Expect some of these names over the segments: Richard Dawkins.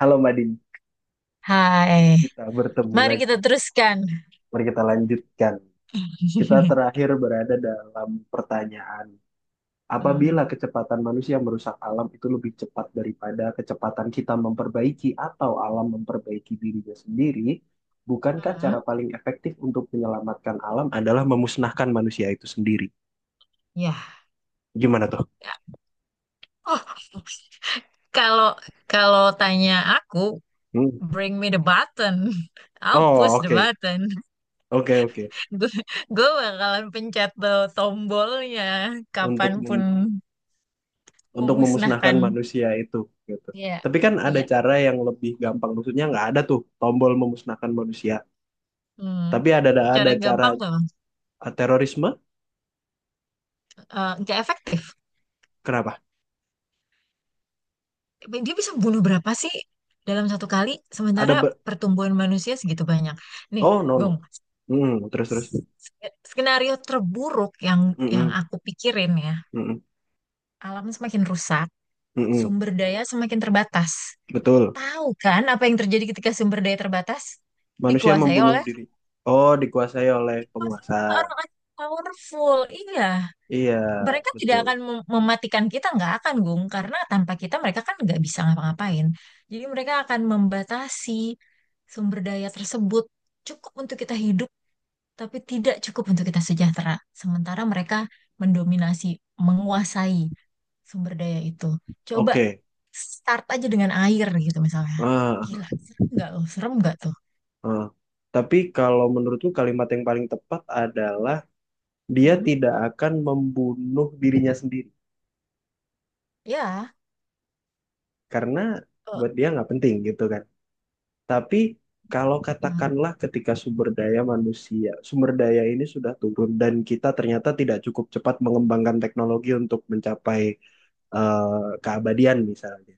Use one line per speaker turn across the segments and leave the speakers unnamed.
Halo Madin,
Hai,
kita bertemu
mari kita
lagi.
teruskan.
Mari kita lanjutkan. Kita terakhir berada dalam pertanyaan.
Hmm.
Apabila kecepatan manusia merusak alam itu lebih cepat daripada kecepatan kita memperbaiki atau alam memperbaiki dirinya sendiri, bukankah
Mm-mm.
cara paling efektif untuk menyelamatkan alam adalah memusnahkan manusia itu sendiri?
Ya.
Gimana tuh?
Oh, kalau kalau tanya aku,
Hmm.
bring me the button. I'll
Oh,
push the
oke.
button.
Oke, oke.
Gue gue bakalan pencet tuh tombolnya
Untuk
kapanpun
mem- untuk memusnahkan
memusnahkan.
manusia itu, gitu.
Iya,
Tapi kan ada
iya.
cara yang lebih gampang, maksudnya nggak ada tuh tombol memusnahkan manusia.
Hmm.
Tapi ada ada,
Cara
ada
yang
cara,
gampang tuh, Bang.
terorisme,
Nggak efektif.
kenapa?
Dia bisa bunuh berapa sih dalam satu kali?
Ada
Sementara
be-
pertumbuhan manusia segitu banyak. Nih,
oh no,
Gong.
no. Mm, terus terus.
S- Skenario terburuk yang
Mm-mm,
aku pikirin ya,
mm-mm,
alam semakin rusak,
mm-mm.
sumber daya semakin terbatas.
Betul.
Tahu kan apa yang terjadi ketika sumber daya terbatas?
Manusia
Dikuasai
membunuh
oleh
diri. Oh, dikuasai oleh
Dikuasai
penguasa.
oleh orang-orang yang powerful. Iya,
Iya,
mereka tidak akan
betul.
mematikan kita, nggak akan Gung, karena tanpa kita mereka kan nggak bisa ngapa-ngapain. Jadi mereka akan membatasi sumber daya tersebut cukup untuk kita hidup tapi tidak cukup untuk kita sejahtera. Sementara mereka mendominasi, menguasai sumber daya itu. Coba
Oke.
start aja dengan air gitu misalnya.
Ah,
Gila, serem nggak loh? Serem nggak tuh?
ah. Tapi kalau menurutku kalimat yang paling tepat adalah dia
Hmm.
tidak akan membunuh dirinya sendiri,
Ya.
karena buat
eh,
dia nggak penting gitu kan. Tapi kalau
hmm.
katakanlah ketika sumber daya manusia, sumber daya ini sudah turun dan kita ternyata tidak cukup cepat mengembangkan teknologi untuk mencapai, eh, keabadian misalnya,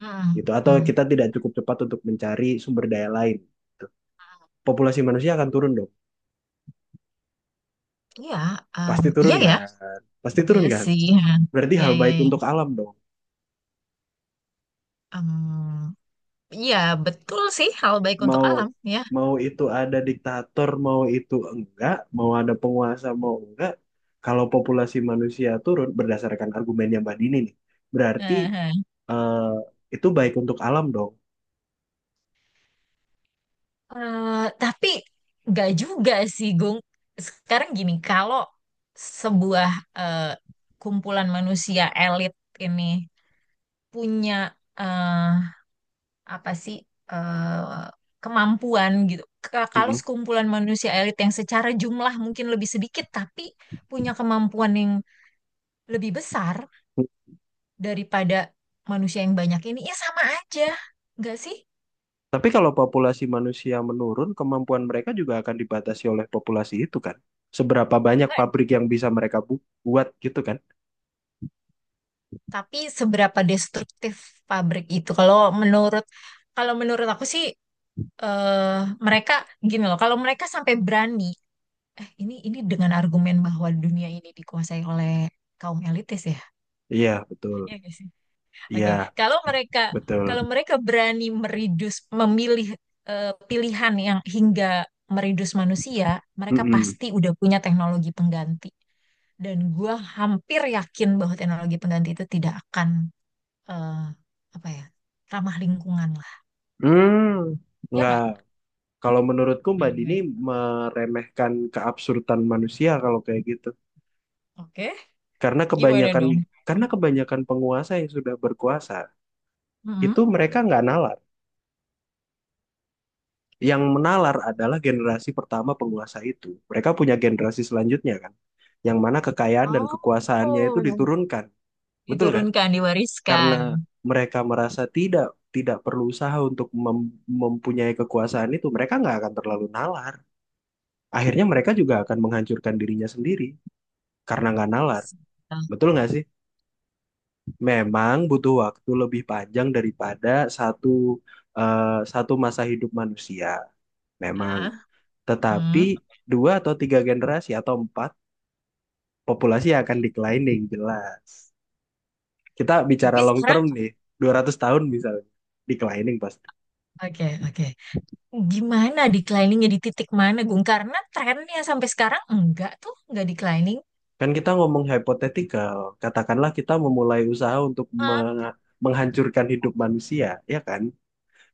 Hmm.
gitu. Atau
Hmm.
kita tidak cukup cepat untuk mencari sumber daya lain, gitu. Populasi manusia akan turun dong,
Iya,
pasti turun
iya ya,
kan, pasti
iya
turun kan.
sih, ha.
Berarti
Iya
hal
iya
baik
iya.
untuk alam dong.
Em, iya betul sih hal baik untuk
Mau
alam ya.
mau itu ada diktator, mau itu enggak, mau ada penguasa, mau enggak, kalau populasi manusia turun berdasarkan argumennya Mbak Dini nih, berarti, eh, itu baik untuk alam dong.
Eh, tapi nggak juga sih, Gung. Sekarang gini, kalau sebuah eh, kumpulan manusia elit ini punya eh, apa sih eh, kemampuan gitu. Kalau
Mm-mm.
sekumpulan manusia elit yang secara jumlah mungkin lebih sedikit, tapi punya kemampuan yang lebih besar daripada manusia yang banyak ini, ya sama aja, nggak sih?
Tapi kalau populasi manusia menurun, kemampuan mereka juga akan dibatasi oleh populasi itu kan. Seberapa banyak
Nggak.
pabrik yang bisa mereka buat gitu kan?
Tapi seberapa destruktif pabrik itu? Menurut Kalau menurut aku sih, eh mereka gini loh, kalau mereka sampai berani, ini dengan argumen bahwa dunia ini dikuasai oleh kaum elitis ya.
Iya, betul.
Iya nggak sih? Oke,
Iya,
kalau mereka kalau
betul.
mereka berani meridus memilih, pilihan yang hingga meridus manusia, mereka
Mm-mm.
pasti udah punya teknologi pengganti. Dan gua hampir yakin bahwa teknologi pengganti itu tidak akan, eh, apa ya, ramah lingkungan lah,
Hmm,
ya
nggak.
nggak.
Kalau menurutku Mbak
Gimana
Dini
gimana?
meremehkan keabsurdan manusia kalau kayak gitu.
Oke,
Karena
gimana
kebanyakan
dong?
karena kebanyakan penguasa yang sudah berkuasa
Mm-mm.
itu mereka nggak nalar. Yang menalar adalah generasi pertama penguasa itu. Mereka punya generasi selanjutnya kan, yang mana kekayaan dan kekuasaannya itu
Oh,
diturunkan, betul kan?
diturunkan,
Karena
diwariskan.
mereka merasa tidak tidak perlu usaha untuk mempunyai kekuasaan itu, mereka nggak akan terlalu nalar. Akhirnya mereka juga akan menghancurkan dirinya sendiri karena nggak nalar. Betul nggak sih? Memang butuh waktu lebih panjang daripada satu eh, satu masa hidup manusia. Memang.
Ah,
Tetapi
hmm.
dua atau tiga generasi atau empat, populasi akan declining jelas. Kita bicara
Tapi
long
sekarang,
term nih, 200 tahun misalnya. Declining pasti.
oke, oke. Gimana decliningnya di titik mana, Gung? Karena trennya sampai sekarang enggak tuh, enggak declining.
Kan kita ngomong hypothetical. Katakanlah kita memulai usaha untuk
Ah.
menghancurkan hidup manusia, ya kan?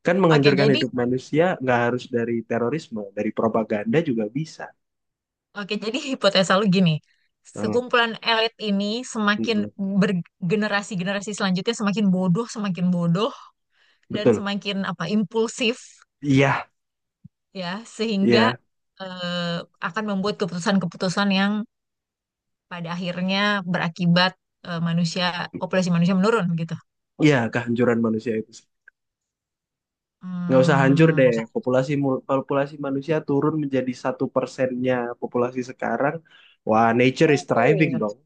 Kan
Oke,
menghancurkan
jadi
hidup manusia nggak harus dari terorisme, dari propaganda juga bisa.
hipotesa lu gini.
Hmm.
Sekumpulan elit ini semakin
Mm-mm,
bergenerasi-generasi selanjutnya semakin bodoh, dan
betul.
semakin apa impulsif
Iya,
ya sehingga,
iya,
eh, akan membuat keputusan-keputusan yang pada akhirnya berakibat, manusia populasi manusia menurun gitu.
iya, kehancuran manusia itu. Nggak usah hancur
Hmm.
deh. Populasi manusia turun menjadi 1%-nya populasi sekarang. Wah, nature is thriving
Hmm.
dong.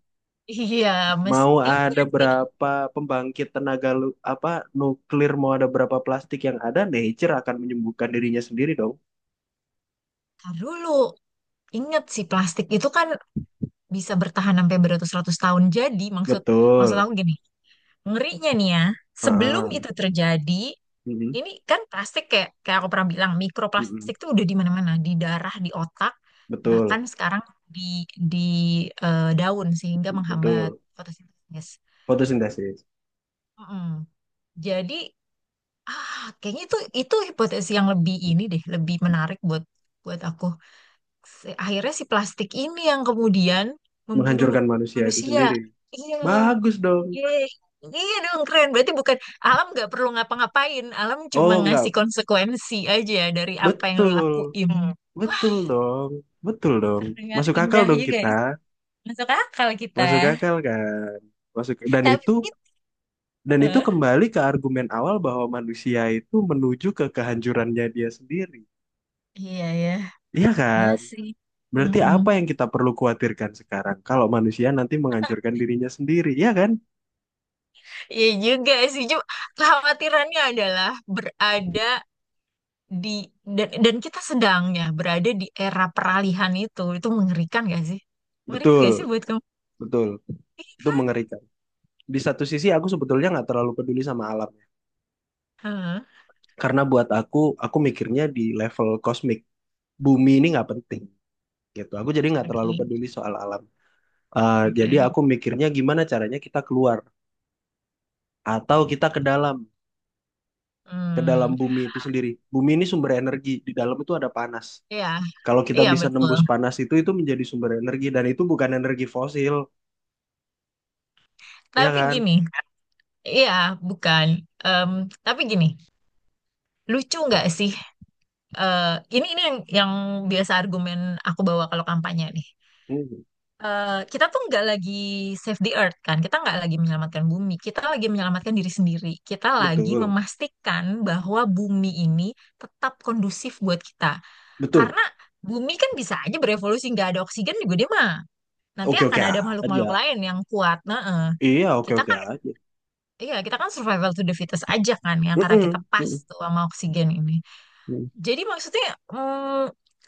Iya,
Mau
mestinya
ada
sih.
berapa pembangkit tenaga, apa nuklir, mau ada berapa plastik yang ada, nature akan menyembuhkan dirinya sendiri dong.
Ntar dulu, inget sih plastik itu kan bisa bertahan sampai beratus-ratus tahun. Jadi maksud maksud
Betul.
aku gini, ngerinya nih ya, sebelum
Heeh.
itu terjadi,
Mm-mm,
ini kan plastik kayak kayak aku pernah bilang
mm-mm.
mikroplastik tuh udah di mana-mana, di darah, di otak, bahkan
Betul,
sekarang di di daun sehingga menghambat
betul.
fotosintesis.
Fotosintesis
Mm-mm. Jadi ah kayaknya itu hipotesis yang lebih ini deh, lebih menarik buat buat aku. Akhirnya si plastik ini yang kemudian membunuh
menghancurkan manusia itu
manusia.
sendiri.
Iya.
Bagus dong.
Yeay. Iya dong keren. Berarti bukan alam nggak perlu ngapa-ngapain. Alam cuma
Oh,
ngasih
enggak.
konsekuensi aja dari apa yang lu
Betul,
lakuin. Hmm. Wah,
betul dong, betul dong.
terdengar
Masuk akal
indah
dong
juga
kita,
ya. Masuk akal kita.
masuk akal kan. Masuk
Tapi gitu.
dan itu
Eh,
kembali ke argumen awal bahwa manusia itu menuju ke kehancurannya dia sendiri.
Iya ya.
Iya
Iya
kan?
sih.
Berarti
Mm-mm.
apa yang kita perlu khawatirkan sekarang kalau manusia nanti menghancurkan dirinya sendiri, iya kan?
Iya juga sih. Cuma kekhawatirannya adalah berada di dan kita sedangnya berada di era peralihan itu. Itu mengerikan gak sih? Mengerikan
Betul,
gak sih buat kamu?
betul. Itu mengerikan. Di satu sisi aku sebetulnya nggak terlalu peduli sama alam.
Hah.
Karena buat aku mikirnya di level kosmik. Bumi ini nggak penting, gitu. Aku jadi nggak terlalu
Oke,
peduli soal alam. Jadi
oke.
aku mikirnya gimana caranya kita keluar atau kita ke dalam,
Hmm.
bumi itu sendiri. Bumi ini sumber energi, di dalam itu ada panas.
Iya,
Kalau kita
iya
bisa
betul.
nembus panas itu menjadi sumber energi dan itu bukan energi fosil, ya
Tapi
kan?
gini, iya bukan. Em, tapi gini, lucu nggak sih? eh, ini yang biasa argumen aku bawa kalau kampanye nih.
Hmm,
Eh, kita tuh nggak lagi save the earth kan? Kita nggak lagi menyelamatkan bumi. Kita lagi menyelamatkan diri sendiri. Kita lagi
betul,
memastikan bahwa bumi ini tetap kondusif buat kita.
betul.
Karena bumi kan bisa aja berevolusi nggak ada oksigen juga dia mah. Nanti
Oke,
akan
oke
ada
aja.
makhluk-makhluk lain yang kuat. Nah, eh.
Iya, oke,
Kita.
oke aja.
Iya, kita kan survival to the fittest aja kan ya, karena kita
Mm-mm,
pas
mm-mm,
tuh sama oksigen ini.
mm-mm.
Jadi maksudnya, mm,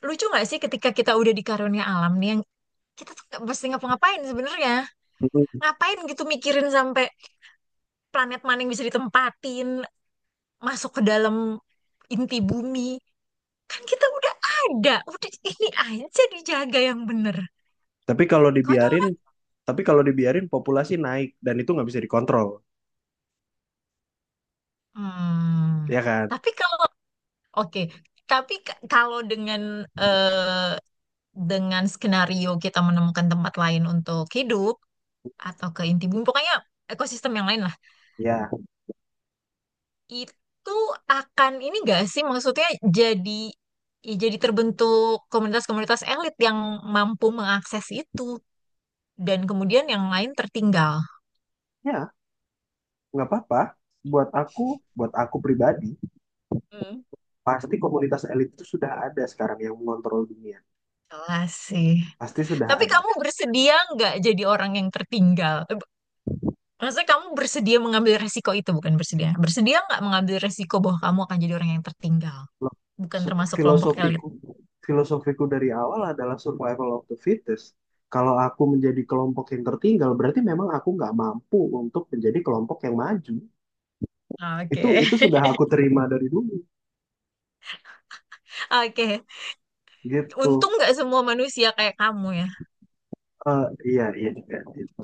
lucu nggak sih ketika kita udah di karunia alam nih yang kita tuh nggak mesti ngapa-ngapain sebenarnya.
Mm-mm.
Ngapain gitu mikirin sampai planet maning bisa ditempatin, masuk ke dalam inti bumi. Kan kita udah ada, udah ini aja dijaga yang bener.
Tapi kalau
Konyol
dibiarin,
kan?
populasi naik dan itu nggak bisa dikontrol,
Hmm.
ya kan?
Tapi kalau oke, tapi kalau dengan, eh, dengan skenario kita menemukan tempat lain untuk hidup atau ke inti bumi, pokoknya ekosistem yang lain lah.
Ya.
Itu akan ini gak sih maksudnya jadi ya jadi terbentuk komunitas-komunitas elit yang mampu mengakses itu dan kemudian yang lain tertinggal.
Ya, nggak apa-apa. Buat aku, buat aku pribadi,
Hmm.
pasti komunitas elit itu sudah ada sekarang yang mengontrol dunia.
Jelas sih.
Pasti sudah
Tapi
ada.
kamu bersedia nggak jadi orang yang tertinggal? Eh, maksudnya kamu bersedia mengambil resiko itu, bukan bersedia. Bersedia nggak mengambil resiko bahwa kamu akan jadi orang yang tertinggal?
Lo-
Bukan
se-
termasuk kelompok elit.
Filosofiku, filosofiku dari awal adalah survival of the fittest. Kalau aku menjadi kelompok yang tertinggal, berarti memang aku nggak mampu untuk menjadi kelompok yang maju. Itu
Oke.
itu sudah aku terima dari dulu,
Oke,
gitu.
untung nggak semua manusia kayak kamu ya.
Eh, iya, iya, iya, gitu.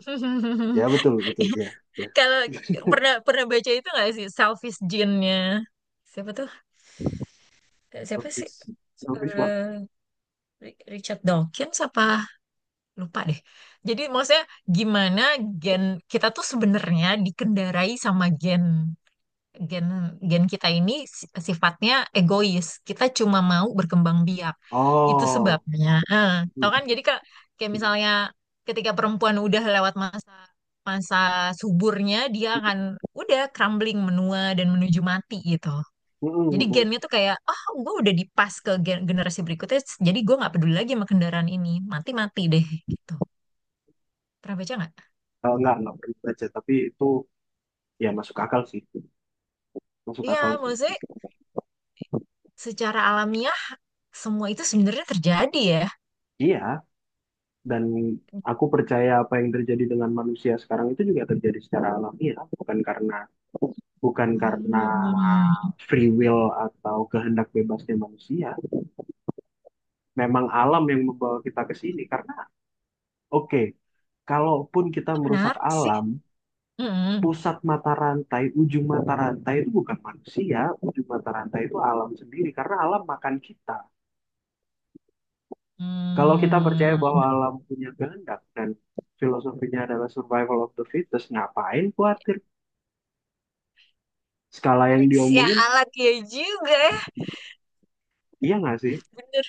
Ya, betul, betul, iya, iya.
Kalau pernah pernah baca itu nggak sih selfish gene-nya? Siapa tuh? Eh, siapa sih?
Selfish, selfish what?
Eh, Richard Dawkins apa? Lupa deh. Jadi maksudnya gimana gen kita tuh sebenarnya dikendarai sama gen. Gen gen kita ini sifatnya egois. Kita cuma mau berkembang biak. Itu
Oh.
sebabnya. Eh,
Hmm.
tahu kan? Jadi kayak, kayak misalnya ketika perempuan udah lewat masa masa suburnya, dia akan udah crumbling menua dan menuju mati gitu.
Mm,
Jadi
mm, mm.
gennya tuh kayak, oh gue udah dipas ke generasi berikutnya, jadi gue nggak peduli lagi sama kendaraan ini, mati-mati deh gitu. Pernah baca nggak?
Nggak perlu baca, tapi itu ya masuk akal sih, masuk akal
Iya,
sih,
maksudnya secara alamiah semua itu sebenarnya terjadi ya.
iya. Dan aku percaya apa yang terjadi dengan manusia sekarang itu juga terjadi secara alamiah, bukan karena
Hmm,
free will atau kehendak bebasnya manusia. Memang alam yang membawa kita ke sini karena, oke, kalaupun kita
itu
merusak
menarik sih.
alam,
Hmm.
pusat mata rantai ujung mata rantai itu bukan manusia. Ujung mata rantai itu alam sendiri karena alam makan kita. Kalau kita percaya bahwa
Hmm.
alam punya kehendak dan filosofinya adalah survival of the fittest, ngapain khawatir? Skala yang diomongin,
Sialan ya juga ya,
iya nggak sih?
bener.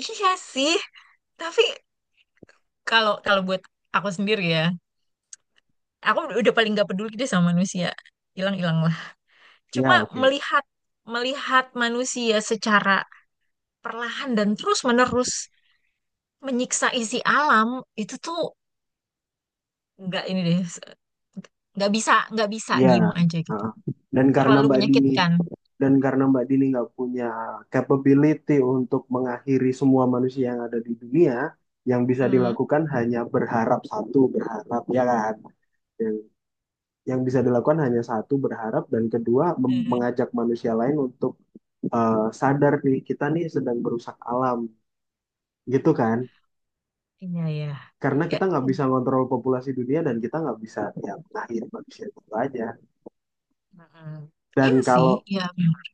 Iya sih, tapi kalau kalau buat aku sendiri ya, aku udah paling gak peduli deh sama manusia. Hilang-hilang lah. Cuma
Iya, oke.
melihat melihat manusia secara perlahan dan terus-menerus menyiksa isi alam itu tuh nggak ini deh, nggak bisa
Iya.
diem aja gitu.
Heeh. Dan karena
Terlalu
Mbak Dini
menyakitkan.
dan karena Mbak Dini nggak punya capability untuk mengakhiri semua manusia yang ada di dunia, yang bisa
Hmm.
dilakukan hanya berharap satu, berharap ya kan? Yang, yang bisa dilakukan hanya satu, berharap, dan kedua mengajak manusia lain untuk, sadar nih, kita nih sedang merusak alam gitu kan,
Iya ya.
karena
Ya,
kita nggak bisa ngontrol populasi dunia dan kita nggak bisa, ya, mengakhiri manusia itu aja.
mm, iya
dan
sih,
kalau
ya memang.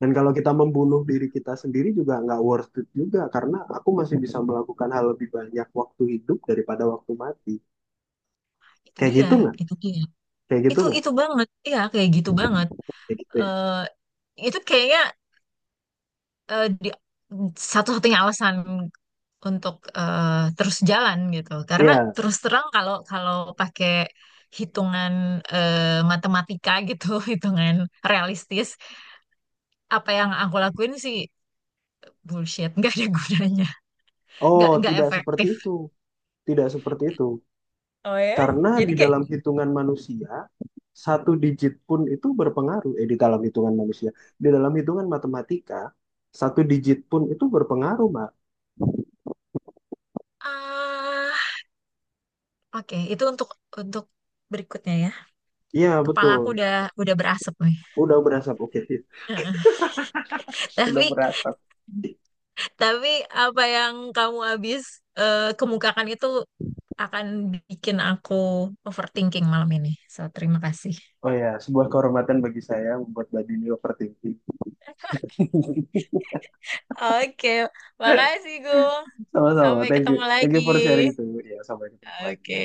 dan kalau kita membunuh diri kita sendiri juga nggak worth it juga, karena aku masih bisa melakukan hal lebih banyak waktu hidup daripada waktu mati.
Itu
Kayak
dia,
gitu nggak,
itu dia.
kayak gitu
Itu
nggak,
itu banget, iya kayak gitu banget.
kayak gitu ya.
Eh itu kayaknya di, satu-satunya alasan untuk terus jalan gitu. Karena
Iya.
terus terang kalau kalau pakai hitungan, eh, matematika gitu, hitungan realistis, apa yang aku lakuin sih bullshit, nggak ada gunanya,
Oh,
nggak
tidak seperti
efektif.
itu, tidak seperti itu.
Oh ya?
Karena
Jadi
di
kayak
dalam hitungan manusia, satu digit pun itu berpengaruh. Di dalam hitungan matematika, satu digit pun itu berpengaruh, Mbak.
ah, oke, itu untuk untuk berikutnya ya.
Iya,
Kepala aku
betul.
udah berasap nih.
Udah berasap, oke. Sudah
Tapi
berasap.
tapi apa yang kamu habis, kemukakan itu akan bikin aku overthinking malam ini. So, terima kasih.
Oh ya, sebuah kehormatan bagi saya membuat Mbak Dini overthinking.
Oke, makasih Gu.
Sama-sama,
Sampai
thank
ketemu
you. Thank
lagi.
you for sharing tuh. Ya, sampai ketemu
Oke.
lagi.